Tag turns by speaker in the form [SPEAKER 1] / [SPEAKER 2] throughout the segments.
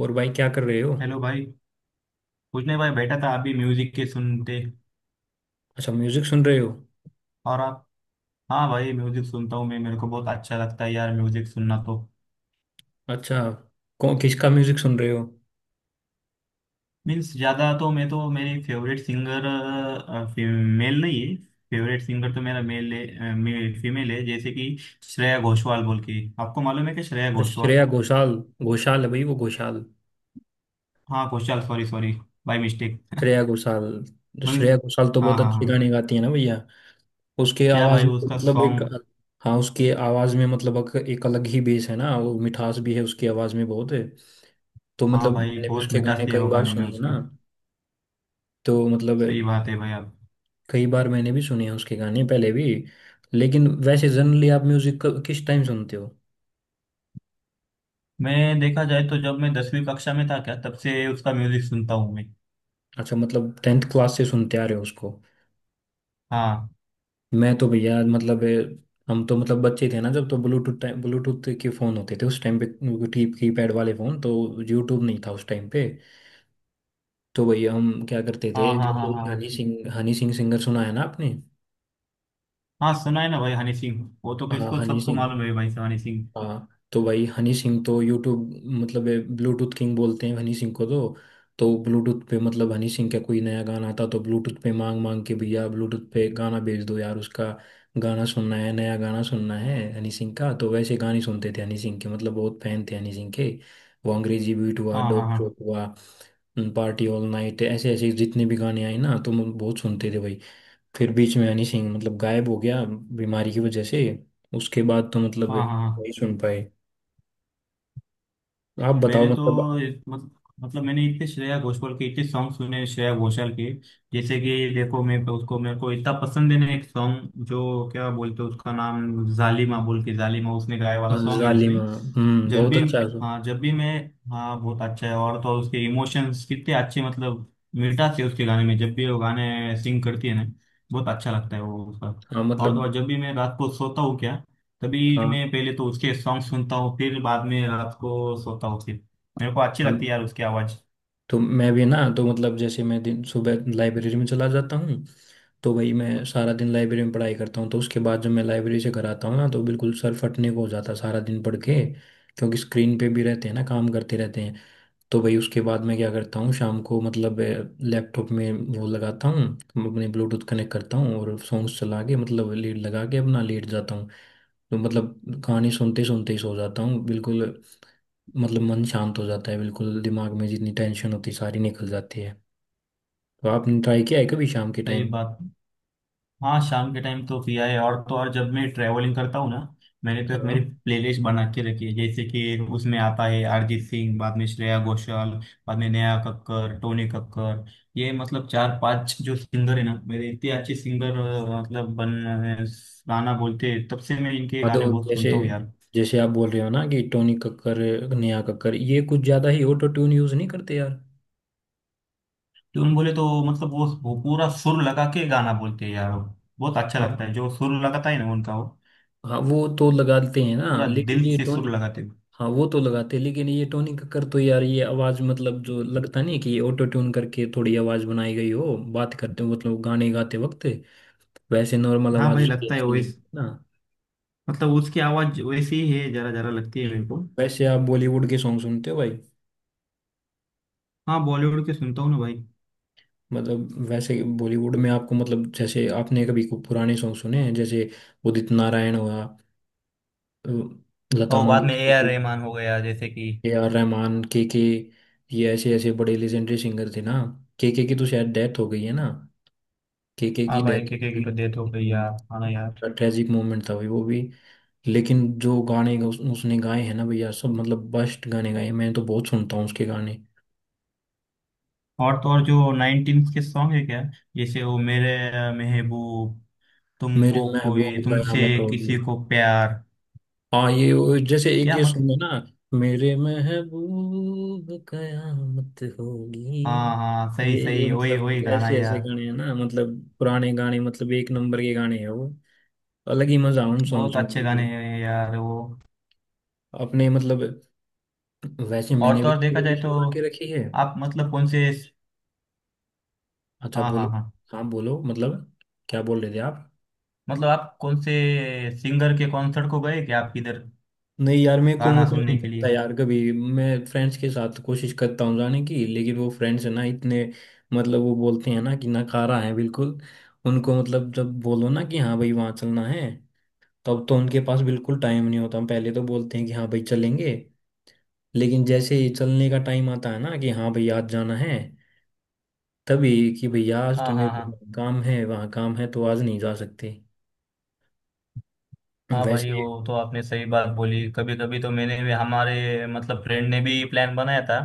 [SPEAKER 1] और भाई क्या कर रहे हो?
[SPEAKER 2] हेलो भाई। कुछ नहीं भाई, बैठा था अभी म्यूजिक के सुनते।
[SPEAKER 1] अच्छा, म्यूजिक सुन रहे हो।
[SPEAKER 2] और आप? हाँ भाई, म्यूजिक सुनता हूँ मैं। मेरे को बहुत अच्छा लगता है यार म्यूजिक सुनना तो।
[SPEAKER 1] अच्छा, कौन किसका म्यूजिक सुन रहे हो?
[SPEAKER 2] मीन्स ज्यादा तो मैं तो मेरी फेवरेट सिंगर मेल नहीं है। फेवरेट सिंगर तो मेरा मेल है, फीमेल है, जैसे कि श्रेया घोषाल बोल के। आपको मालूम है कि श्रेया
[SPEAKER 1] अच्छा,
[SPEAKER 2] घोषाल?
[SPEAKER 1] श्रेया घोषाल। घोषाल है भाई, वो घोषाल।
[SPEAKER 2] हाँ, Ghoshal. Sorry sorry, by mistake.
[SPEAKER 1] Shreya Ghoshal. तो
[SPEAKER 2] मीन्स
[SPEAKER 1] श्रेया घोषाल तो
[SPEAKER 2] हाँ
[SPEAKER 1] बहुत
[SPEAKER 2] हाँ
[SPEAKER 1] अच्छे
[SPEAKER 2] हाँ।
[SPEAKER 1] गाने गाती है ना भैया। उसके
[SPEAKER 2] क्या
[SPEAKER 1] आवाज
[SPEAKER 2] भाई
[SPEAKER 1] में तो
[SPEAKER 2] उसका
[SPEAKER 1] मतलब एक।
[SPEAKER 2] सॉन्ग।
[SPEAKER 1] हाँ, उसके आवाज में मतलब एक अलग ही बेस है ना, वो मिठास भी है उसकी आवाज में बहुत है। तो
[SPEAKER 2] हाँ
[SPEAKER 1] मतलब
[SPEAKER 2] भाई,
[SPEAKER 1] मैंने भी
[SPEAKER 2] बहुत
[SPEAKER 1] उसके
[SPEAKER 2] मिठास
[SPEAKER 1] गाने
[SPEAKER 2] है
[SPEAKER 1] कई
[SPEAKER 2] वो
[SPEAKER 1] बार
[SPEAKER 2] गाने में
[SPEAKER 1] सुने हैं
[SPEAKER 2] उसकी।
[SPEAKER 1] ना। तो मतलब
[SPEAKER 2] सही बात है भाई। आप?
[SPEAKER 1] कई बार मैंने भी सुने हैं उसके गाने पहले भी। लेकिन वैसे जनरली आप म्यूजिक किस टाइम सुनते हो?
[SPEAKER 2] मैं देखा जाए तो जब मैं दसवीं कक्षा में था क्या, तब से उसका म्यूजिक सुनता हूँ मैं।
[SPEAKER 1] अच्छा, मतलब टेंथ क्लास से सुनते आ रहे हो उसको।
[SPEAKER 2] हाँ
[SPEAKER 1] मैं तो भैया मतलब हम तो मतलब बच्चे थे ना, जब तो ब्लूटूथ टाइम ब्लूटूथ के फ़ोन होते थे उस टाइम पे, की पैड वाले फ़ोन तो। यूट्यूब नहीं था उस टाइम पे। तो भैया हम क्या करते थे,
[SPEAKER 2] हाँ
[SPEAKER 1] जब
[SPEAKER 2] हाँ हाँ
[SPEAKER 1] ये
[SPEAKER 2] हाँ। हाँ
[SPEAKER 1] हनी सिंह सिंगर सुना है ना आपने?
[SPEAKER 2] हाँ, सुना है ना भाई हनी सिंह। वो तो
[SPEAKER 1] हाँ,
[SPEAKER 2] किसको
[SPEAKER 1] हनी
[SPEAKER 2] सबको
[SPEAKER 1] सिंह।
[SPEAKER 2] मालूम है भाई हनी सिंह।
[SPEAKER 1] हाँ, तो भाई हनी सिंह तो यूट्यूब मतलब ब्लूटूथ किंग बोलते हैं हनी सिंह को तो। तो ब्लूटूथ पे मतलब हनी सिंह का कोई नया गाना आता तो ब्लूटूथ पे मांग मांग के भैया ब्लूटूथ पे गाना भेज दो यार उसका। गाना सुनना है, नया गाना सुनना है हनी सिंह का, तो वैसे गाने सुनते थे हनी सिंह के, मतलब बहुत फैन थे हनी सिंह के। वो अंग्रेजी बीट हुआ,
[SPEAKER 2] हाँ हाँ
[SPEAKER 1] डोप
[SPEAKER 2] हाँ
[SPEAKER 1] शोप हुआ, पार्टी ऑल नाइट, ऐसे ऐसे जितने भी गाने आए ना तो हम बहुत सुनते थे भाई। फिर बीच में हनी सिंह मतलब गायब हो गया बीमारी की वजह से। उसके बाद तो मतलब
[SPEAKER 2] हाँ हाँ हाँ।
[SPEAKER 1] नहीं सुन पाए। आप बताओ
[SPEAKER 2] मैंने
[SPEAKER 1] मतलब।
[SPEAKER 2] तो इस- मत, मतलब मैंने इतने श्रेया घोषाल के इतने सॉन्ग सुने, श्रेया घोषाल के। जैसे कि देखो, मैं तो उसको, मेरे को इतना पसंद है ना एक सॉन्ग, जो क्या बोलते हैं उसका नाम, जालिमा बोल के, जालिमा उसने गाया वाला सॉन्ग है उसने।
[SPEAKER 1] जालिमा, हम्म,
[SPEAKER 2] जब
[SPEAKER 1] बहुत
[SPEAKER 2] भी
[SPEAKER 1] अच्छा है वो।
[SPEAKER 2] हाँ, जब भी मैं, हाँ बहुत अच्छा है। और तो और उसके इमोशंस कितने अच्छे, मतलब मिठास है उसके गाने में जब भी वो गाने सिंग करती है ना, बहुत अच्छा लगता है वो उसका।
[SPEAKER 1] हाँ
[SPEAKER 2] और तो
[SPEAKER 1] मतलब।
[SPEAKER 2] और जब भी मैं रात को सोता हूँ क्या, तभी
[SPEAKER 1] हाँ।
[SPEAKER 2] मैं पहले तो उसके सॉन्ग सुनता हूँ, फिर बाद में रात को सोता हूँ फिर। मेरे को अच्छी लगती है
[SPEAKER 1] हम।
[SPEAKER 2] यार उसकी आवाज़।
[SPEAKER 1] तो मैं भी ना तो मतलब जैसे मैं दिन सुबह लाइब्रेरी में चला जाता हूँ। तो भाई मैं सारा दिन लाइब्रेरी में पढ़ाई करता हूँ तो उसके बाद जब मैं लाइब्रेरी से घर आता हूँ ना, तो बिल्कुल सर फटने को हो जाता है सारा दिन पढ़ के। क्योंकि स्क्रीन पे भी रहते हैं ना, काम करते रहते हैं। तो भाई उसके बाद मैं क्या करता हूँ शाम को मतलब लैपटॉप में वो लगाता हूँ, अपने ब्लूटूथ कनेक्ट करता हूँ और सॉन्ग्स चला के मतलब लेट लगा के अपना लेट जाता हूँ। तो मतलब कहानी सुनते सुनते ही सो जाता हूँ बिल्कुल। मतलब मन शांत हो जाता है बिल्कुल, दिमाग में जितनी टेंशन होती है सारी निकल जाती है। तो आपने ट्राई किया है कभी शाम के
[SPEAKER 2] सही
[SPEAKER 1] टाइम?
[SPEAKER 2] बात। हाँ शाम के टाइम तो पिया है। और तो और जब मैं ट्रैवलिंग करता हूँ ना, मैंने तो एक मेरी
[SPEAKER 1] हाँ।
[SPEAKER 2] प्लेलिस्ट बना के रखी है, जैसे कि उसमें आता है अरिजीत सिंह, बाद में श्रेया घोषाल, बाद में नेहा कक्कर, टोनी कक्कर। ये मतलब चार पांच जो सिंगर है ना मेरे, इतने अच्छे सिंगर, मतलब बन गाना बोलते हैं, तब से मैं इनके
[SPEAKER 1] हाँ। तो
[SPEAKER 2] गाने बहुत
[SPEAKER 1] जैसे,
[SPEAKER 2] सुनता हूँ यार।
[SPEAKER 1] जैसे आप बोल रहे हो ना कि टोनी कक्कर, नेहा कक्कर, ये कुछ ज़्यादा ही ऑटो ट्यून यूज़ नहीं करते यार?
[SPEAKER 2] ट्यून बोले तो मतलब वो पूरा सुर लगा के गाना बोलते हैं यार। बहुत अच्छा
[SPEAKER 1] हाँ।
[SPEAKER 2] लगता है जो सुर लगाता है ना उनका वो।
[SPEAKER 1] हाँ वो तो लगाते हैं ना,
[SPEAKER 2] पूरा
[SPEAKER 1] लेकिन
[SPEAKER 2] दिल
[SPEAKER 1] ये
[SPEAKER 2] से
[SPEAKER 1] टोन।
[SPEAKER 2] सुर लगाते हैं।
[SPEAKER 1] हाँ वो तो लगाते, लेकिन ये टोनी कक्कर तो यार, ये आवाज मतलब जो लगता नहीं है कि ये ऑटो ट्यून करके थोड़ी आवाज बनाई गई हो, बात करते हो मतलब गाने गाते वक्त। वैसे नॉर्मल
[SPEAKER 2] हाँ
[SPEAKER 1] आवाज
[SPEAKER 2] भाई,
[SPEAKER 1] उसकी
[SPEAKER 2] लगता है
[SPEAKER 1] ऐसी नहीं है
[SPEAKER 2] वैस
[SPEAKER 1] ना।
[SPEAKER 2] मतलब उसकी आवाज वैसी ही है, जरा जरा लगती है मेरे को।
[SPEAKER 1] वैसे आप बॉलीवुड के सॉन्ग सुनते हो भाई?
[SPEAKER 2] हाँ, बॉलीवुड के सुनता हूँ ना भाई।
[SPEAKER 1] मतलब वैसे बॉलीवुड में आपको मतलब जैसे आपने कभी को पुराने सॉन्ग सुने हैं जैसे उदित नारायण हुआ, अ, लता
[SPEAKER 2] और बाद में ए आर
[SPEAKER 1] मंगेशकर,
[SPEAKER 2] रहमान हो गया जैसे कि।
[SPEAKER 1] के आर रहमान, के के। ये ऐसे ऐसे बड़े लेजेंडरी सिंगर थे ना। के की तो शायद डेथ हो गई है ना? केके
[SPEAKER 2] हाँ
[SPEAKER 1] की
[SPEAKER 2] भाई,
[SPEAKER 1] डेथ।
[SPEAKER 2] के की तो डेथ हो गई यार, हाँ ना यार।
[SPEAKER 1] ट्रेजिक मोमेंट था भाई वो भी। लेकिन जो गाने उसने गाए हैं ना भैया, सब मतलब बेस्ट गाने गाए हैं, मैं तो बहुत सुनता हूँ उसके गाने।
[SPEAKER 2] और तो और जो नाइनटीन के सॉन्ग है क्या, जैसे वो, मेरे महबूब,
[SPEAKER 1] मेरे
[SPEAKER 2] तुमको
[SPEAKER 1] महबूब
[SPEAKER 2] कोई, तुमसे
[SPEAKER 1] कयामत होगी।
[SPEAKER 2] किसी को प्यार।
[SPEAKER 1] हाँ, जैसे एक
[SPEAKER 2] क्या
[SPEAKER 1] ये सुन
[SPEAKER 2] मतलब?
[SPEAKER 1] लो ना। मेरे महबूब कयामत होगी।
[SPEAKER 2] हाँ हाँ, सही
[SPEAKER 1] ये
[SPEAKER 2] सही, वही वही
[SPEAKER 1] मतलब
[SPEAKER 2] गाना
[SPEAKER 1] ऐसे ऐसे
[SPEAKER 2] यार।
[SPEAKER 1] गाने हैं ना, मतलब पुराने गाने, मतलब एक नंबर के गाने हैं वो। अलग ही मजा है उन सॉन्ग्स
[SPEAKER 2] बहुत
[SPEAKER 1] में
[SPEAKER 2] अच्छे गाने
[SPEAKER 1] बिल्कुल।
[SPEAKER 2] हैं यार वो।
[SPEAKER 1] अपने मतलब वैसे
[SPEAKER 2] और
[SPEAKER 1] मैंने
[SPEAKER 2] तो
[SPEAKER 1] भी
[SPEAKER 2] और देखा जाए
[SPEAKER 1] प्लेलिस्ट
[SPEAKER 2] तो,
[SPEAKER 1] बना के रखी है।
[SPEAKER 2] आप मतलब कौन से,
[SPEAKER 1] अच्छा,
[SPEAKER 2] हाँ हाँ
[SPEAKER 1] बोलो।
[SPEAKER 2] हाँ,
[SPEAKER 1] हाँ बोलो मतलब, क्या बोल रहे थे आप?
[SPEAKER 2] मतलब आप कौन से सिंगर के कॉन्सर्ट को गए क्या आप, किधर
[SPEAKER 1] नहीं यार, मेरे को
[SPEAKER 2] गाना
[SPEAKER 1] मौका ही नहीं
[SPEAKER 2] सुनने के
[SPEAKER 1] मिलता
[SPEAKER 2] लिए?
[SPEAKER 1] यार, कभी मैं फ्रेंड्स के साथ कोशिश करता हूँ जाने की, लेकिन वो फ्रेंड्स है ना इतने मतलब वो बोलते हैं ना कि नकारा है बिल्कुल। उनको मतलब जब बोलो ना कि हाँ भाई वहाँ चलना है, तब तो उनके पास बिल्कुल टाइम नहीं होता, पहले तो बोलते हैं कि हाँ भाई चलेंगे। लेकिन जैसे ही चलने का टाइम आता है ना कि हाँ भाई आज जाना है, तभी कि भैया आज
[SPEAKER 2] हाँ
[SPEAKER 1] तो
[SPEAKER 2] हाँ
[SPEAKER 1] मेरे
[SPEAKER 2] हाँ।
[SPEAKER 1] को काम है, वहाँ काम है, तो आज नहीं जा सकते।
[SPEAKER 2] हाँ भाई,
[SPEAKER 1] वैसे।
[SPEAKER 2] वो तो आपने सही बात बोली। कभी कभी तो मैंने भी, हमारे मतलब फ्रेंड ने भी प्लान बनाया था,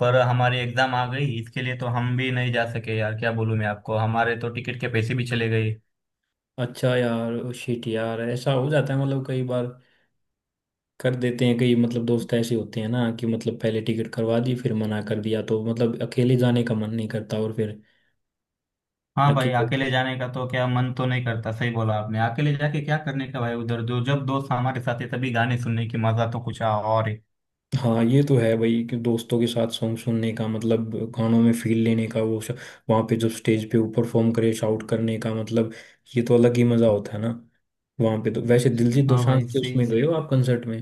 [SPEAKER 2] पर हमारी एग्जाम आ गई इसके लिए, तो हम भी नहीं जा सके यार, क्या बोलूँ मैं आपको, हमारे तो टिकट के पैसे भी चले गए।
[SPEAKER 1] अच्छा यार, शिट यार, ऐसा हो जाता है मतलब कई बार कर देते हैं, कई मतलब दोस्त ऐसे होते हैं ना कि मतलब पहले टिकट करवा दी फिर मना कर दिया, तो मतलब अकेले जाने का मन नहीं करता, और फिर
[SPEAKER 2] हाँ भाई,
[SPEAKER 1] अकेले।
[SPEAKER 2] अकेले जाने का तो क्या मन तो नहीं करता, सही बोला आपने, अकेले जाके क्या करने का भाई उधर। जो जब दोस्त हमारे साथ है तभी गाने सुनने की मजा तो कुछ और है।
[SPEAKER 1] हाँ ये तो है भाई कि दोस्तों के साथ सॉन्ग सुनने का मतलब, गानों में फील लेने का वो वहाँ पे जब स्टेज पे वो परफॉर्म करे, शाउट करने का मतलब, ये तो अलग ही मजा होता है ना। वहाँ पे तो वैसे दिलजीत
[SPEAKER 2] हाँ
[SPEAKER 1] दोसांझ
[SPEAKER 2] भाई
[SPEAKER 1] के
[SPEAKER 2] सही।
[SPEAKER 1] उसमें गए हो आप कंसर्ट में?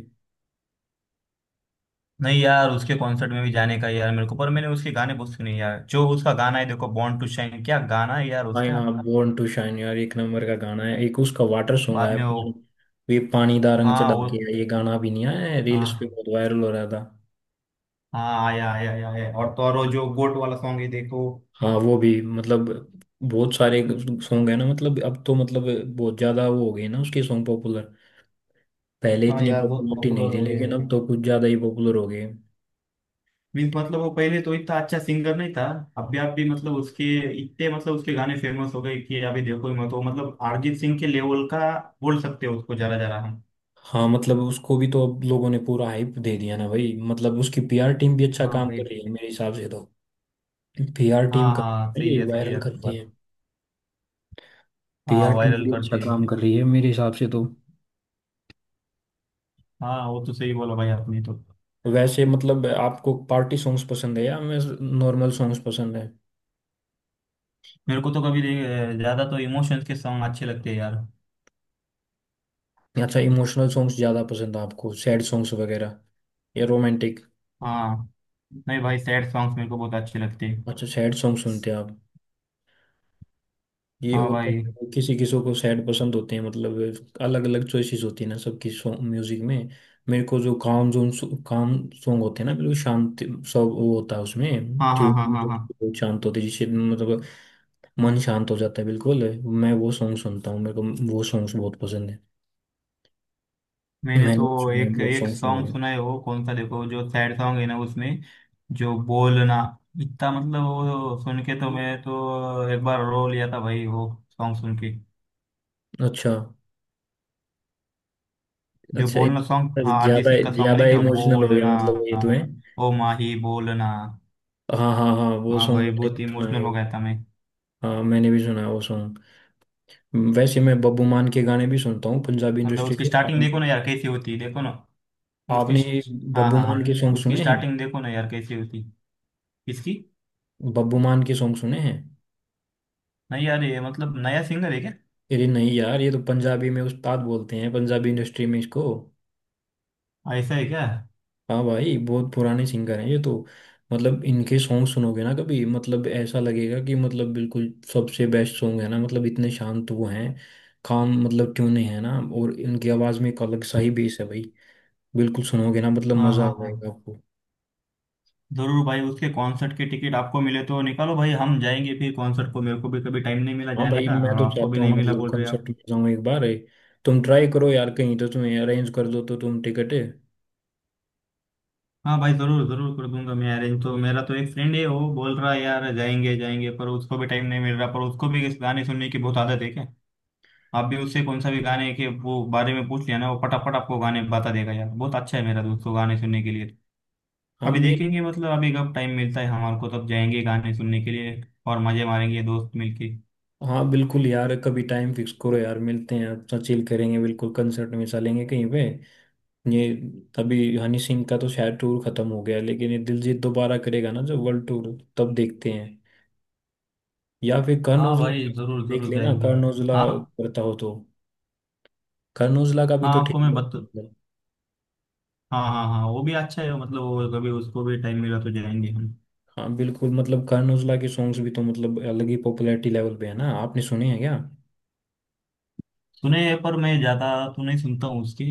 [SPEAKER 2] नहीं यार, उसके कॉन्सर्ट में भी जाने का यार मेरे को, पर मैंने उसके गाने बहुत सुने यार। जो उसका गाना है देखो, बॉर्न टू शाइन, क्या गाना है यार
[SPEAKER 1] आई
[SPEAKER 2] उसका।
[SPEAKER 1] आप, बोर्न टू शाइन यार एक नंबर का गाना है, एक उसका वाटर सॉन्ग
[SPEAKER 2] बाद
[SPEAKER 1] आया,
[SPEAKER 2] में वो,
[SPEAKER 1] वे पानी दा रंग
[SPEAKER 2] हाँ
[SPEAKER 1] चढ़ा
[SPEAKER 2] वो,
[SPEAKER 1] के आया, ये गाना भी नहीं आया है रील्स पे
[SPEAKER 2] हाँ।
[SPEAKER 1] बहुत वायरल हो रहा था।
[SPEAKER 2] हाँ आया आया आया आया। और तो और वो जो गोट वाला सॉन्ग है देखो।
[SPEAKER 1] हाँ वो भी मतलब बहुत सारे सॉन्ग है ना, मतलब अब तो मतलब बहुत ज्यादा वो हो गए ना उसके सॉन्ग पॉपुलर। पहले
[SPEAKER 2] हाँ
[SPEAKER 1] इतनी
[SPEAKER 2] यार बहुत
[SPEAKER 1] पॉपुलरिटी
[SPEAKER 2] पॉपुलर
[SPEAKER 1] नहीं थी,
[SPEAKER 2] हो गए।
[SPEAKER 1] लेकिन अब तो कुछ ज्यादा ही पॉपुलर हो गए।
[SPEAKER 2] मीन्स मतलब वो पहले तो इतना अच्छा सिंगर नहीं था। अभी आप भी मतलब उसके इतने, मतलब उसके गाने फेमस हो गए कि अभी देखो ही मत वो, मतलब अरिजीत सिंह के लेवल का बोल सकते हो उसको जरा जरा हम।
[SPEAKER 1] हाँ मतलब उसको भी तो अब लोगों ने पूरा हाइप दे दिया ना भाई, मतलब उसकी पीआर टीम भी अच्छा
[SPEAKER 2] हाँ
[SPEAKER 1] काम कर
[SPEAKER 2] भाई।
[SPEAKER 1] रही है मेरे हिसाब से तो। पीआर टीम
[SPEAKER 2] हाँ हाँ,
[SPEAKER 1] कर, ये
[SPEAKER 2] सही है
[SPEAKER 1] वायरल
[SPEAKER 2] आपकी
[SPEAKER 1] करते
[SPEAKER 2] बात।
[SPEAKER 1] हैं,
[SPEAKER 2] हाँ,
[SPEAKER 1] पीआर टीम
[SPEAKER 2] वायरल
[SPEAKER 1] भी अच्छा
[SPEAKER 2] करते हैं।
[SPEAKER 1] काम कर रही है मेरे हिसाब से तो।
[SPEAKER 2] हाँ, वो तो सही बोला भाई आपने तो।
[SPEAKER 1] वैसे मतलब आपको पार्टी सॉन्ग्स पसंद है या मैं, नॉर्मल सॉन्ग्स पसंद है?
[SPEAKER 2] मेरे को तो कभी नहीं- ज्यादा तो इमोशंस के सॉन्ग अच्छे लगते हैं यार।
[SPEAKER 1] या अच्छा, इमोशनल सॉन्ग्स ज़्यादा पसंद है आपको, सैड सॉन्ग्स वगैरह या रोमांटिक?
[SPEAKER 2] हाँ, नहीं भाई, सैड सॉन्ग्स मेरे को बहुत अच्छे लगते हैं।
[SPEAKER 1] अच्छा सैड सॉन्ग सुनते हैं आप। ये
[SPEAKER 2] हाँ
[SPEAKER 1] होता
[SPEAKER 2] भाई।
[SPEAKER 1] है किसी किसी को सैड पसंद होते हैं, मतलब अलग अलग चॉइसेस होती है ना सबकी सॉन्ग म्यूजिक में। मेरे को जो काम जोन काम सॉन्ग होते हैं ना, बिल्कुल शांति सब वो होता है उसमें,
[SPEAKER 2] हाँ हाँ हाँ
[SPEAKER 1] ट्यून
[SPEAKER 2] हाँ हाँ।
[SPEAKER 1] शांत होती है जिससे मतलब मन शांत हो जाता है बिल्कुल। मैं वो सॉन्ग सुनता हूँ, मेरे को वो सॉन्ग्स बहुत पसंद है।
[SPEAKER 2] मैंने
[SPEAKER 1] मैंने भी
[SPEAKER 2] तो
[SPEAKER 1] सुने हैं,
[SPEAKER 2] एक
[SPEAKER 1] बहुत
[SPEAKER 2] एक
[SPEAKER 1] सॉन्ग सुने
[SPEAKER 2] सॉन्ग
[SPEAKER 1] हैं।
[SPEAKER 2] सुना है वो कौन सा देखो, जो सैड सॉन्ग है ना उसमें, जो बोलना, इतना मतलब वो सुन के तो मैं तो एक बार रो लिया था भाई वो सॉन्ग सुन के।
[SPEAKER 1] अच्छा।
[SPEAKER 2] जो बोलना सॉन्ग, हाँ अरिजीत
[SPEAKER 1] ज्यादा
[SPEAKER 2] सिंह का सॉन्ग,
[SPEAKER 1] ज्यादा
[SPEAKER 2] नहीं क्या,
[SPEAKER 1] इमोशनल हो गया
[SPEAKER 2] बोलना,
[SPEAKER 1] मतलब, ये तो है।
[SPEAKER 2] ओ माही बोलना।
[SPEAKER 1] हाँ हाँ हाँ, वो
[SPEAKER 2] हाँ
[SPEAKER 1] सॉन्ग
[SPEAKER 2] भाई
[SPEAKER 1] मैंने भी
[SPEAKER 2] बहुत
[SPEAKER 1] सुना है
[SPEAKER 2] इमोशनल हो
[SPEAKER 1] भाई।
[SPEAKER 2] गया था मैं।
[SPEAKER 1] हाँ मैंने भी सुना है वो सॉन्ग। वैसे मैं बब्बू मान के गाने भी सुनता हूँ पंजाबी
[SPEAKER 2] मतलब
[SPEAKER 1] इंडस्ट्री
[SPEAKER 2] उसकी
[SPEAKER 1] से
[SPEAKER 2] स्टार्टिंग देखो ना यार कैसी होती है, देखो ना उसकी।
[SPEAKER 1] आपने
[SPEAKER 2] हाँ
[SPEAKER 1] बब्बू
[SPEAKER 2] हाँ
[SPEAKER 1] मान
[SPEAKER 2] हाँ।
[SPEAKER 1] के सॉन्ग
[SPEAKER 2] उसकी
[SPEAKER 1] सुने हैं?
[SPEAKER 2] स्टार्टिंग देखो ना यार कैसी होती इसकी।
[SPEAKER 1] बब्बू मान के सॉन्ग सुने हैं?
[SPEAKER 2] नहीं यार, ये मतलब नया सिंगर है क्या?
[SPEAKER 1] अरे नहीं यार, ये तो पंजाबी में उस्ताद बोलते हैं पंजाबी इंडस्ट्री में इसको।
[SPEAKER 2] ऐसा है क्या?
[SPEAKER 1] हाँ भाई बहुत पुराने सिंगर हैं ये तो। मतलब इनके सॉन्ग सुनोगे ना कभी, मतलब ऐसा लगेगा कि मतलब बिल्कुल सबसे बेस्ट सॉन्ग है ना, मतलब इतने शांत वो हैं, काम मतलब ट्यूने हैं ना, और इनकी आवाज़ में एक अलग सा ही बेस है भाई। बिल्कुल सुनोगे ना, मतलब
[SPEAKER 2] हाँ
[SPEAKER 1] मज़ा आ
[SPEAKER 2] हाँ हाँ।
[SPEAKER 1] जाएगा आपको।
[SPEAKER 2] जरूर भाई, उसके कॉन्सर्ट के टिकट आपको मिले तो निकालो भाई, हम जाएंगे फिर कॉन्सर्ट को। मेरे को भी कभी टाइम नहीं मिला
[SPEAKER 1] हाँ
[SPEAKER 2] जाने
[SPEAKER 1] भाई
[SPEAKER 2] का,
[SPEAKER 1] मैं
[SPEAKER 2] और
[SPEAKER 1] तो
[SPEAKER 2] आपको भी
[SPEAKER 1] चाहता हूँ
[SPEAKER 2] नहीं मिला
[SPEAKER 1] मतलब
[SPEAKER 2] बोल रहे आप।
[SPEAKER 1] कंसर्ट में जाऊँ एक बार है, तुम ट्राई करो यार कहीं तो तुम्हें अरेंज कर दो तो तुम टिकट।
[SPEAKER 2] हाँ भाई, जरूर जरूर कर दूंगा मैं अरेंज। तो मेरा तो एक फ्रेंड है, वो बोल रहा है यार जाएंगे जाएंगे, पर उसको भी टाइम नहीं मिल रहा। पर उसको भी इस गाने सुनने की बहुत आदत है क्या। आप भी उससे कौन सा भी गाने के वो बारे में पूछ लिया ना, वो फटाफट आपको गाने बता देगा यार। बहुत अच्छा है मेरा दोस्त को गाने सुनने के लिए।
[SPEAKER 1] हाँ
[SPEAKER 2] अभी
[SPEAKER 1] मिल।
[SPEAKER 2] देखेंगे मतलब अभी कब टाइम मिलता है हमारे को, तब जाएंगे गाने सुनने के लिए और मजे मारेंगे दोस्त मिलके।
[SPEAKER 1] हाँ बिल्कुल यार, कभी टाइम फिक्स करो यार मिलते हैं, अपना चिल करेंगे बिल्कुल, कंसर्ट में चलेंगे कहीं पे। ये अभी हनी सिंह का तो शायद टूर खत्म हो गया, लेकिन ये दिलजीत दोबारा करेगा ना जो वर्ल्ड टूर, तब देखते हैं, या फिर करण
[SPEAKER 2] हाँ
[SPEAKER 1] औजला
[SPEAKER 2] भाई
[SPEAKER 1] का।
[SPEAKER 2] जरूर
[SPEAKER 1] देख
[SPEAKER 2] जरूर
[SPEAKER 1] लेना
[SPEAKER 2] जाएंगे।
[SPEAKER 1] करण औजला
[SPEAKER 2] हाँ
[SPEAKER 1] करता हो तो। करण औजला का भी
[SPEAKER 2] हाँ,
[SPEAKER 1] तो ठीक
[SPEAKER 2] आपको मैं
[SPEAKER 1] है
[SPEAKER 2] बत
[SPEAKER 1] मतलब।
[SPEAKER 2] हाँ हाँ हाँ, वो भी अच्छा है। मतलब वो, कभी उसको भी टाइम मिला तो जाएंगे हम।
[SPEAKER 1] हाँ बिल्कुल, मतलब करण औजला के सॉन्ग्स भी तो मतलब अलग ही पॉपुलैरिटी लेवल पे है ना, आपने सुने हैं क्या?
[SPEAKER 2] सुने हैं, पर मैं ज्यादा तो नहीं सुनता हूँ उसकी।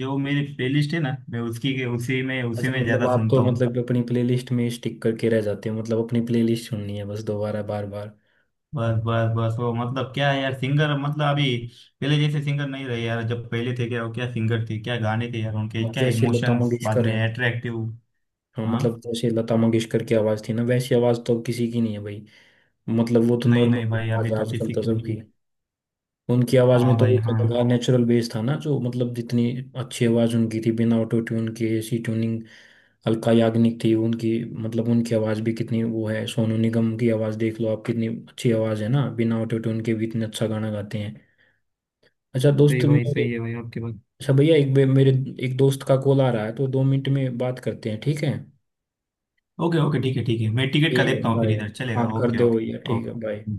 [SPEAKER 2] जो मेरी प्लेलिस्ट है ना, मैं उसकी के उसी में उसी
[SPEAKER 1] अच्छा,
[SPEAKER 2] में
[SPEAKER 1] मतलब
[SPEAKER 2] ज्यादा
[SPEAKER 1] आप तो
[SPEAKER 2] सुनता हूँ।
[SPEAKER 1] मतलब अपनी प्लेलिस्ट में स्टिक करके रह जाते हो मतलब, अपनी प्लेलिस्ट सुननी है बस दोबारा बार बार।
[SPEAKER 2] बस बस बस, वो मतलब क्या है यार, सिंगर मतलब अभी पहले जैसे सिंगर नहीं रहे यार। जब पहले थे क्या, वो क्या सिंगर थे, क्या गाने थे यार उनके,
[SPEAKER 1] मतलब
[SPEAKER 2] क्या
[SPEAKER 1] जैसे लता
[SPEAKER 2] इमोशंस, बाद
[SPEAKER 1] मंगेशकर
[SPEAKER 2] में
[SPEAKER 1] है।
[SPEAKER 2] अट्रैक्टिव।
[SPEAKER 1] हाँ
[SPEAKER 2] हाँ।
[SPEAKER 1] मतलब जैसे लता मंगेशकर की आवाज़ थी ना, वैसी आवाज़ तो अब किसी की नहीं है भाई। मतलब वो तो
[SPEAKER 2] नहीं नहीं
[SPEAKER 1] नॉर्मल
[SPEAKER 2] भाई,
[SPEAKER 1] आवाज
[SPEAKER 2] अभी
[SPEAKER 1] है
[SPEAKER 2] तो
[SPEAKER 1] आजकल
[SPEAKER 2] किसी
[SPEAKER 1] तो
[SPEAKER 2] को नहीं।
[SPEAKER 1] सबकी। उनकी आवाज में
[SPEAKER 2] हाँ
[SPEAKER 1] तो
[SPEAKER 2] भाई
[SPEAKER 1] एक
[SPEAKER 2] हाँ।
[SPEAKER 1] अलग था, नेचुरल बेस था ना जो, मतलब जितनी अच्छी आवाज उनकी थी बिना ऑटो ट्यून के, ऐसी ट्यूनिंग। अलका याग्निक थी उनकी। मतलब उनकी आवाज भी कितनी वो है, सोनू निगम की आवाज देख लो आप, कितनी अच्छी आवाज है ना, बिना ऑटो ट्यून के भी इतने अच्छा गाना गाते हैं। अच्छा
[SPEAKER 2] सही
[SPEAKER 1] दोस्त
[SPEAKER 2] भाई,
[SPEAKER 1] मेरे।
[SPEAKER 2] सही है भाई आपके बात।
[SPEAKER 1] अच्छा भैया मेरे एक दोस्त का कॉल आ रहा है, तो 2 मिनट में बात करते हैं, ठीक है?
[SPEAKER 2] ओके ओके, ठीक है ठीक है, मैं टिकट का
[SPEAKER 1] ठीक है
[SPEAKER 2] देखता हूँ फिर
[SPEAKER 1] बाय।
[SPEAKER 2] इधर
[SPEAKER 1] हाँ
[SPEAKER 2] चलेगा।
[SPEAKER 1] कर
[SPEAKER 2] ओके
[SPEAKER 1] दो
[SPEAKER 2] ओके
[SPEAKER 1] भैया, ठीक है बाय।
[SPEAKER 2] ओके।